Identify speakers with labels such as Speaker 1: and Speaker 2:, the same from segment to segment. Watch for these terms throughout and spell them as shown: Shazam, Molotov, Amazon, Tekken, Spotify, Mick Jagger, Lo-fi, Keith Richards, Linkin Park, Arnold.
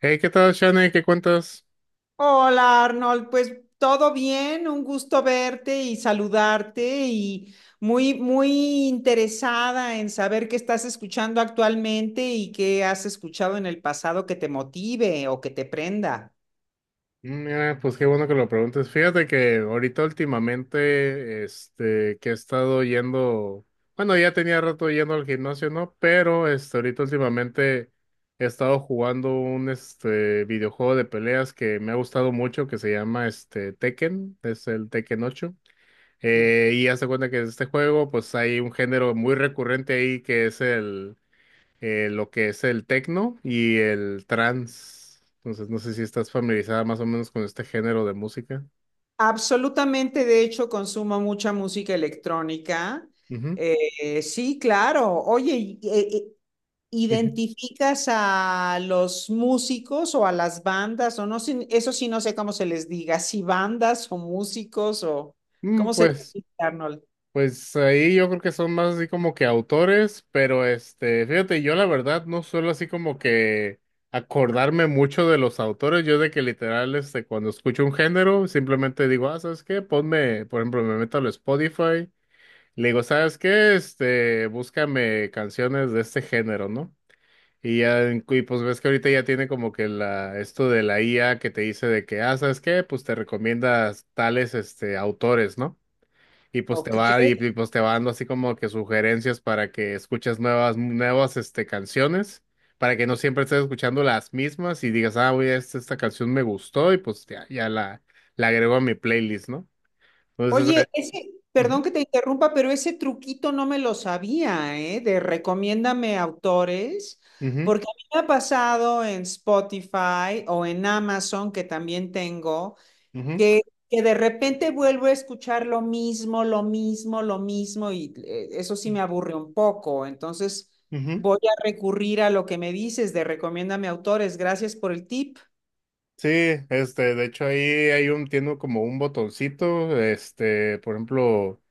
Speaker 1: Hey, ¿qué tal, Shane? ¿Qué cuentas?
Speaker 2: Hola Arnold, pues todo bien, un gusto verte y saludarte y muy, muy interesada en saber qué estás escuchando actualmente y qué has escuchado en el pasado que te motive o que te prenda.
Speaker 1: Mm, mira, pues qué bueno que lo preguntes. Fíjate que ahorita últimamente, que he estado yendo, bueno, ya tenía rato yendo al gimnasio, ¿no? Pero, ahorita últimamente he estado jugando un videojuego de peleas que me ha gustado mucho, que se llama, Tekken, es el Tekken ocho. Y haz de cuenta que en este juego, pues hay un género muy recurrente ahí que es el lo que es el techno y el trance. Entonces, no sé si estás familiarizada más o menos con este género de música.
Speaker 2: Absolutamente, de hecho, consumo mucha música electrónica.
Speaker 1: Ujú,
Speaker 2: Sí, claro. Oye,
Speaker 1: ujú.
Speaker 2: ¿identificas a los músicos o a las bandas? O no, sé, eso sí no sé cómo se les diga, si bandas o músicos o
Speaker 1: Mm,
Speaker 2: cómo se les dice, Arnold.
Speaker 1: pues ahí yo creo que son más así como que autores, pero fíjate, yo la verdad no suelo así como que acordarme mucho de los autores. Yo de que literal, cuando escucho un género, simplemente digo, ah, ¿sabes qué? Ponme, por ejemplo, me meto al Spotify. Le digo, ¿sabes qué? Búscame canciones de este género, ¿no? Y pues ves que ahorita ya tiene como que esto de la IA que te dice de que, ah, ¿sabes qué? Pues te recomiendas tales, autores, ¿no? Y pues te
Speaker 2: Ok.
Speaker 1: va, pues te va dando así como que sugerencias para que escuches nuevas, canciones, para que no siempre estés escuchando las mismas y digas, ah, oye, esta canción me gustó y pues la agrego a mi playlist, ¿no? Entonces, ah,
Speaker 2: Oye, ese, perdón
Speaker 1: ujú,
Speaker 2: que te interrumpa, pero ese truquito no me lo sabía, ¿eh? De recomiéndame autores,
Speaker 1: ujú,
Speaker 2: porque a mí me ha pasado en Spotify o en Amazon, que también tengo,
Speaker 1: ujú,
Speaker 2: que, que de repente vuelvo a escuchar lo mismo, lo mismo, lo mismo, y eso sí me aburre un poco. Entonces
Speaker 1: ujú.
Speaker 2: voy a recurrir a lo que me dices de recomiéndame autores. Gracias por el tip.
Speaker 1: Sí, de hecho ahí tiene como un botoncito, por ejemplo,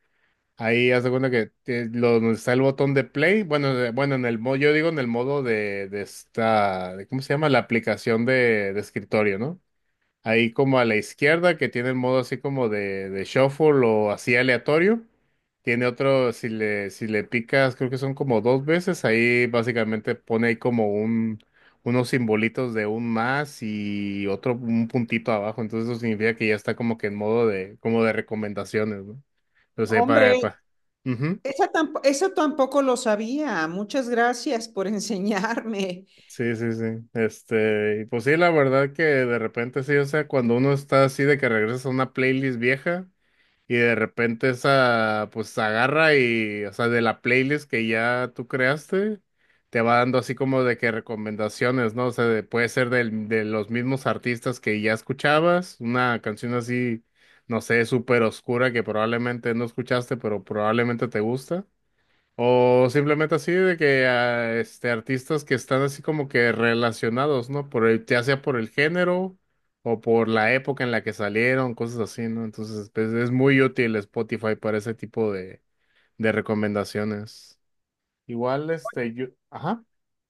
Speaker 1: ahí haz de cuenta que donde está el botón de play, bueno, en el modo, yo digo en el modo de ¿cómo se llama? La aplicación de escritorio, ¿no? Ahí como a la izquierda, que tiene el modo así como de shuffle o así aleatorio. Tiene otro, si le picas, creo que son como dos veces, ahí básicamente pone ahí como unos simbolitos de un más y otro, un puntito abajo. Entonces eso significa que ya está como que en modo de, como de recomendaciones, ¿no? Entonces,
Speaker 2: Hombre.
Speaker 1: para. Ujú.
Speaker 2: Eso tampoco lo sabía. Muchas gracias por enseñarme.
Speaker 1: Sí, sí, sí. Este, y pues sí, la verdad que de repente sí, o sea, cuando uno está así de que regresas a una playlist vieja. Y de repente esa, pues agarra y, o sea, de la playlist que ya tú creaste, te va dando así como de que recomendaciones, ¿no? O sea, puede ser de los mismos artistas que ya escuchabas, una canción así, no sé, súper oscura que probablemente no escuchaste, pero probablemente te gusta. O simplemente así de que ah, este artistas que están así como que relacionados, ¿no? Por el, ya sea por el género o por la época en la que salieron, cosas así, ¿no? Entonces, pues, es muy útil Spotify para ese tipo de recomendaciones. Igual, este, yo, ajá.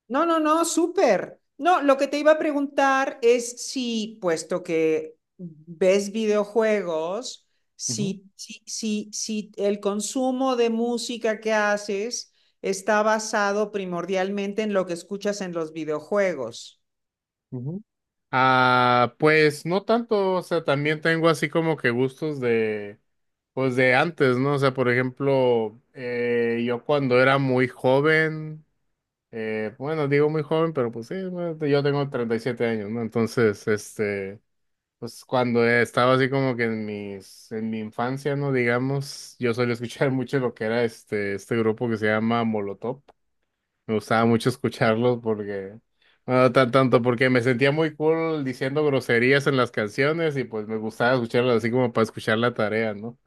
Speaker 2: No, no, no, súper. No, lo que te iba a preguntar es si, puesto que ves videojuegos,
Speaker 1: Ujú,
Speaker 2: si el consumo de música que haces está basado primordialmente en lo que escuchas en los videojuegos.
Speaker 1: ujú. Ah, pues no tanto, o sea, también tengo así como que gustos pues de antes, ¿no? O sea, por ejemplo, yo cuando era muy joven. Bueno, digo muy joven, pero pues sí, bueno, yo tengo 37 años, ¿no? Entonces, pues cuando estaba así como que en en mi infancia, ¿no? Digamos, yo solía escuchar mucho lo que era este grupo que se llama Molotov. Me gustaba mucho escucharlos porque, bueno, tanto porque me sentía muy cool diciendo groserías en las canciones y pues me gustaba escucharlas así como para escuchar la tarea, ¿no?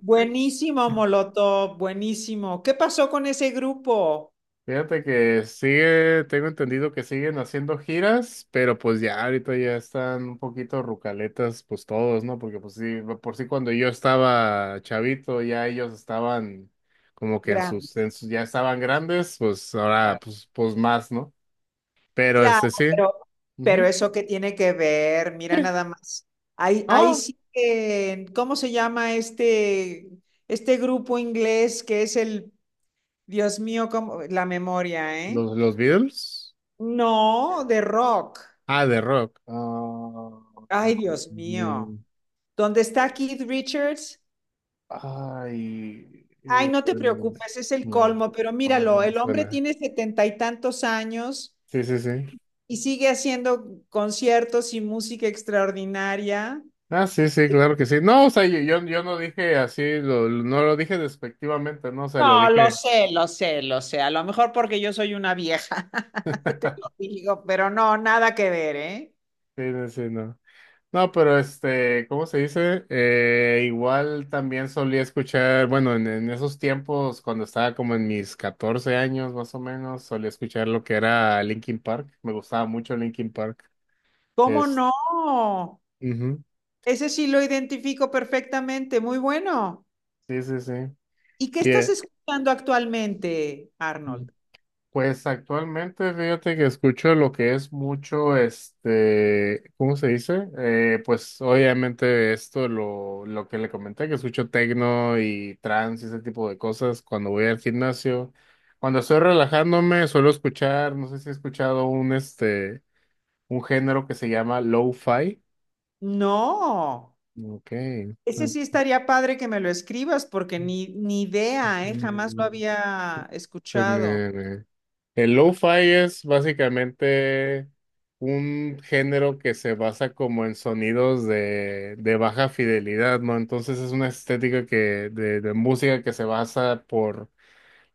Speaker 2: Buenísimo, Molotov, buenísimo. ¿Qué pasó con ese grupo?
Speaker 1: Fíjate que sigue, tengo entendido que siguen haciendo giras, pero pues ya ahorita ya están un poquito rucaletas, pues todos, ¿no? Porque pues sí, por sí cuando yo estaba chavito, ya ellos estaban como que en
Speaker 2: Grande.
Speaker 1: ya estaban grandes, pues ahora pues, pues más, ¿no? Pero
Speaker 2: Claro,
Speaker 1: este sí.
Speaker 2: pero, pero
Speaker 1: Ujú.
Speaker 2: eso que tiene que ver, mira
Speaker 1: Sí.
Speaker 2: nada más. Ahí, ahí
Speaker 1: Ah,
Speaker 2: sí que, ¿cómo se llama este, este grupo inglés que es el, Dios mío, la memoria, ¿eh?
Speaker 1: los Beatles.
Speaker 2: No, de rock.
Speaker 1: Ah, de rock. Ah, mm,
Speaker 2: Ay, Dios
Speaker 1: mm,
Speaker 2: mío.
Speaker 1: mm.
Speaker 2: ¿Dónde está Keith Richards?
Speaker 1: Ay,
Speaker 2: Ay, no te preocupes, es el
Speaker 1: no,
Speaker 2: colmo, pero
Speaker 1: no
Speaker 2: míralo,
Speaker 1: me
Speaker 2: el hombre
Speaker 1: suena.
Speaker 2: tiene 70 y tantos años
Speaker 1: Sí, sí, sí.
Speaker 2: y sigue haciendo conciertos y música extraordinaria.
Speaker 1: Ah, sí, sí, claro que sí. No, o sea, yo no dije así, no lo dije despectivamente, no, o sea, lo
Speaker 2: No, lo
Speaker 1: dije.
Speaker 2: sé, lo sé, lo sé. A lo mejor porque yo soy una vieja, te lo digo, pero no, nada que ver, ¿eh?
Speaker 1: Sí, sí, sí, no. No, pero este, ¿cómo se dice? Igual también solía escuchar, bueno, en esos tiempos, cuando estaba como en mis 14 años más o menos, solía escuchar lo que era Linkin Park. Me gustaba mucho Linkin Park.
Speaker 2: ¿Cómo
Speaker 1: Es,
Speaker 2: no?
Speaker 1: ujú,
Speaker 2: Ese sí lo identifico perfectamente, muy bueno.
Speaker 1: sí, sí, sí.
Speaker 2: ¿Y qué
Speaker 1: Y,
Speaker 2: estás
Speaker 1: eh,
Speaker 2: escuchando actualmente, Arnold?
Speaker 1: Pues actualmente fíjate que escucho lo que es mucho, ¿cómo se dice? Pues obviamente esto, lo que le comenté, que escucho tecno y trance y ese tipo de cosas cuando voy al gimnasio. Cuando estoy relajándome suelo escuchar, no sé si he escuchado un género que se llama lo-fi.
Speaker 2: No,
Speaker 1: Ok.
Speaker 2: ese sí estaría padre que me lo escribas porque ni idea, ¿eh? Jamás lo
Speaker 1: Mm,
Speaker 2: había
Speaker 1: Pues
Speaker 2: escuchado.
Speaker 1: me, me- el lo-fi es básicamente un género que se basa como en sonidos de baja fidelidad, ¿no? Entonces es una estética que, de música que se basa por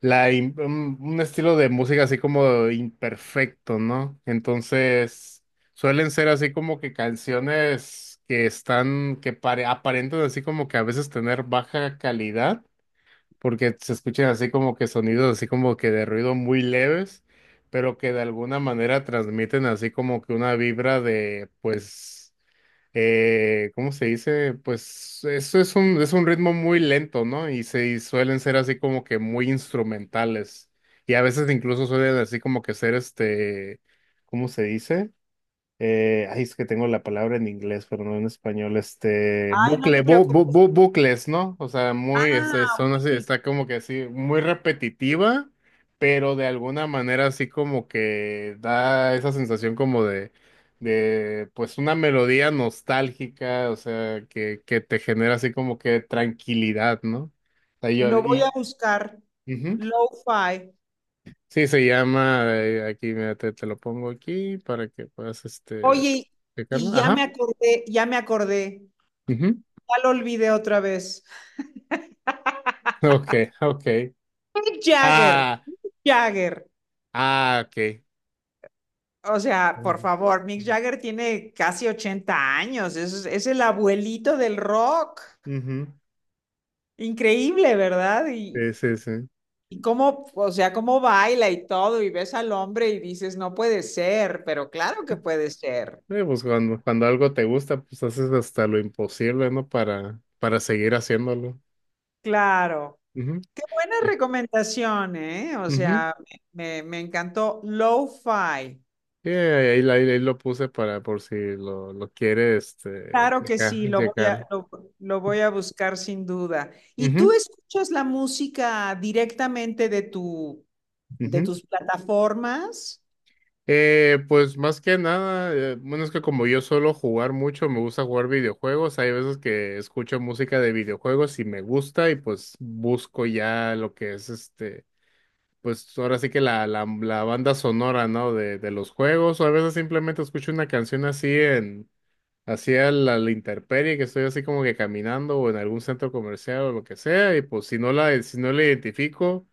Speaker 1: un estilo de música así como imperfecto, ¿no? Entonces suelen ser así como que canciones que están, aparentan así como que a veces tener baja calidad porque se escuchan así como que sonidos así como que de ruido muy leves, pero que de alguna manera transmiten así como que una vibra de, pues, ¿cómo se dice? Pues eso es es un ritmo muy lento, ¿no? Y suelen ser así como que muy instrumentales. Y a veces incluso suelen así como que ser este, ¿cómo se dice? Ay, es que tengo la palabra en inglés, pero no en español,
Speaker 2: Ay, no
Speaker 1: bucle,
Speaker 2: te preocupes.
Speaker 1: bucles, ¿no? O sea, muy,
Speaker 2: Ah,
Speaker 1: son así,
Speaker 2: ok.
Speaker 1: está como que así, muy repetitiva, pero de alguna manera así como que da esa sensación como de, pues una melodía nostálgica, o sea, que te genera así como que tranquilidad, ¿no? O sea, yo,
Speaker 2: Lo voy a
Speaker 1: y,
Speaker 2: buscar.
Speaker 1: ujú.
Speaker 2: Lo-fi.
Speaker 1: Sí, se llama, aquí, mira, te lo pongo aquí para que puedas,
Speaker 2: Oye,
Speaker 1: checarlo,
Speaker 2: y ya me
Speaker 1: ajá.
Speaker 2: acordé, ya me acordé,
Speaker 1: Ujú.
Speaker 2: ya lo olvidé otra vez.
Speaker 1: Ok, ok.
Speaker 2: Mick Jagger,
Speaker 1: Ah,
Speaker 2: Jagger.
Speaker 1: ah, ok.
Speaker 2: O sea, por
Speaker 1: Ujú.
Speaker 2: favor, Mick Jagger tiene casi 80 años, es el abuelito del rock.
Speaker 1: Ujú.
Speaker 2: Increíble, ¿verdad?
Speaker 1: Sí, sí, sí.
Speaker 2: Y cómo, o sea, cómo baila y todo, y ves al hombre y dices, no puede ser, pero claro que puede ser.
Speaker 1: Pues cuando algo te gusta, pues haces hasta lo imposible, ¿no? Para seguir haciéndolo.
Speaker 2: Claro.
Speaker 1: Ujú.
Speaker 2: Qué buena
Speaker 1: Eh,
Speaker 2: recomendación, ¿eh? O
Speaker 1: ujú.
Speaker 2: sea, me encantó Lo-Fi.
Speaker 1: Sí, ahí lo puse para por si lo quiere este,
Speaker 2: Claro que sí,
Speaker 1: checar. Checar.
Speaker 2: lo voy a buscar sin duda. ¿Y tú
Speaker 1: Ujú,
Speaker 2: escuchas la música directamente de tu, de
Speaker 1: ujú.
Speaker 2: tus plataformas?
Speaker 1: Pues más que nada, bueno, es que como yo suelo jugar mucho, me gusta jugar videojuegos, hay veces que escucho música de videojuegos y me gusta y pues busco ya lo que es este, pues ahora sí que la banda sonora, ¿no? De los juegos, o a veces simplemente escucho una canción así así a la intemperie, que estoy así como que caminando o en algún centro comercial o lo que sea, y pues si no la, si no la identifico,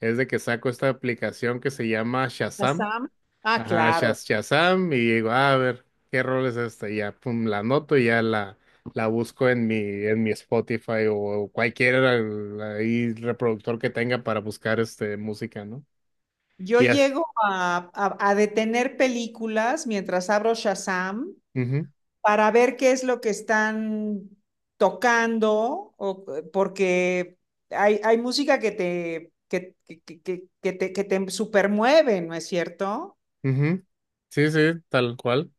Speaker 1: es de que saco esta aplicación que se llama Shazam.
Speaker 2: Shazam. Ah,
Speaker 1: Ajá,
Speaker 2: claro.
Speaker 1: Shazam y digo, "Ah, a ver, ¿qué rol es esta?" Y ya, pum, la anoto y ya la busco en mi Spotify o cualquier ahí reproductor que tenga para buscar este música, ¿no?
Speaker 2: Yo
Speaker 1: Y así.
Speaker 2: llego a, a detener películas mientras abro Shazam
Speaker 1: Ujú,
Speaker 2: para ver qué es lo que están tocando, o, porque hay música que te, que te, que te supermueve, ¿no es cierto?
Speaker 1: ujú. Sí, sí, tal cual.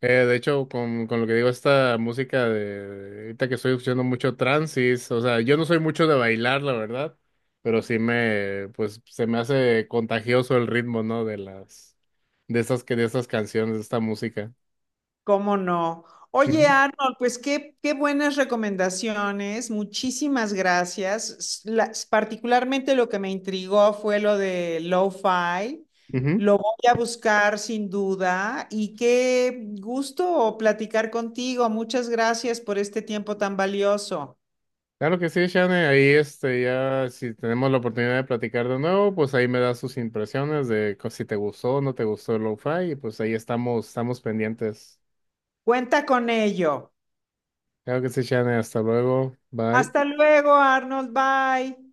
Speaker 1: De hecho, con lo que digo, esta música de ahorita que estoy escuchando mucho trance, es- o sea, yo no soy mucho de bailar, la verdad, pero sí me, pues, se me hace contagioso el ritmo, ¿no? De las de estas, de estas canciones, de esta música.
Speaker 2: ¿Cómo no? Oye,
Speaker 1: Ujú,
Speaker 2: Arnold, pues qué, qué buenas recomendaciones, muchísimas gracias. Particularmente lo que me intrigó fue lo de lo-fi.
Speaker 1: ujú.
Speaker 2: Lo voy a buscar sin duda y qué gusto platicar contigo. Muchas gracias por este tiempo tan valioso.
Speaker 1: Claro que sí, Shane, ahí este, ya si tenemos la oportunidad de platicar de nuevo, pues ahí me das sus impresiones de co- si te gustó o no te gustó el lo-fi, y pues ahí estamos, estamos pendientes.
Speaker 2: Cuenta con ello.
Speaker 1: Claro que sí, Shane, hasta luego, bye.
Speaker 2: Hasta luego, Arnold. Bye.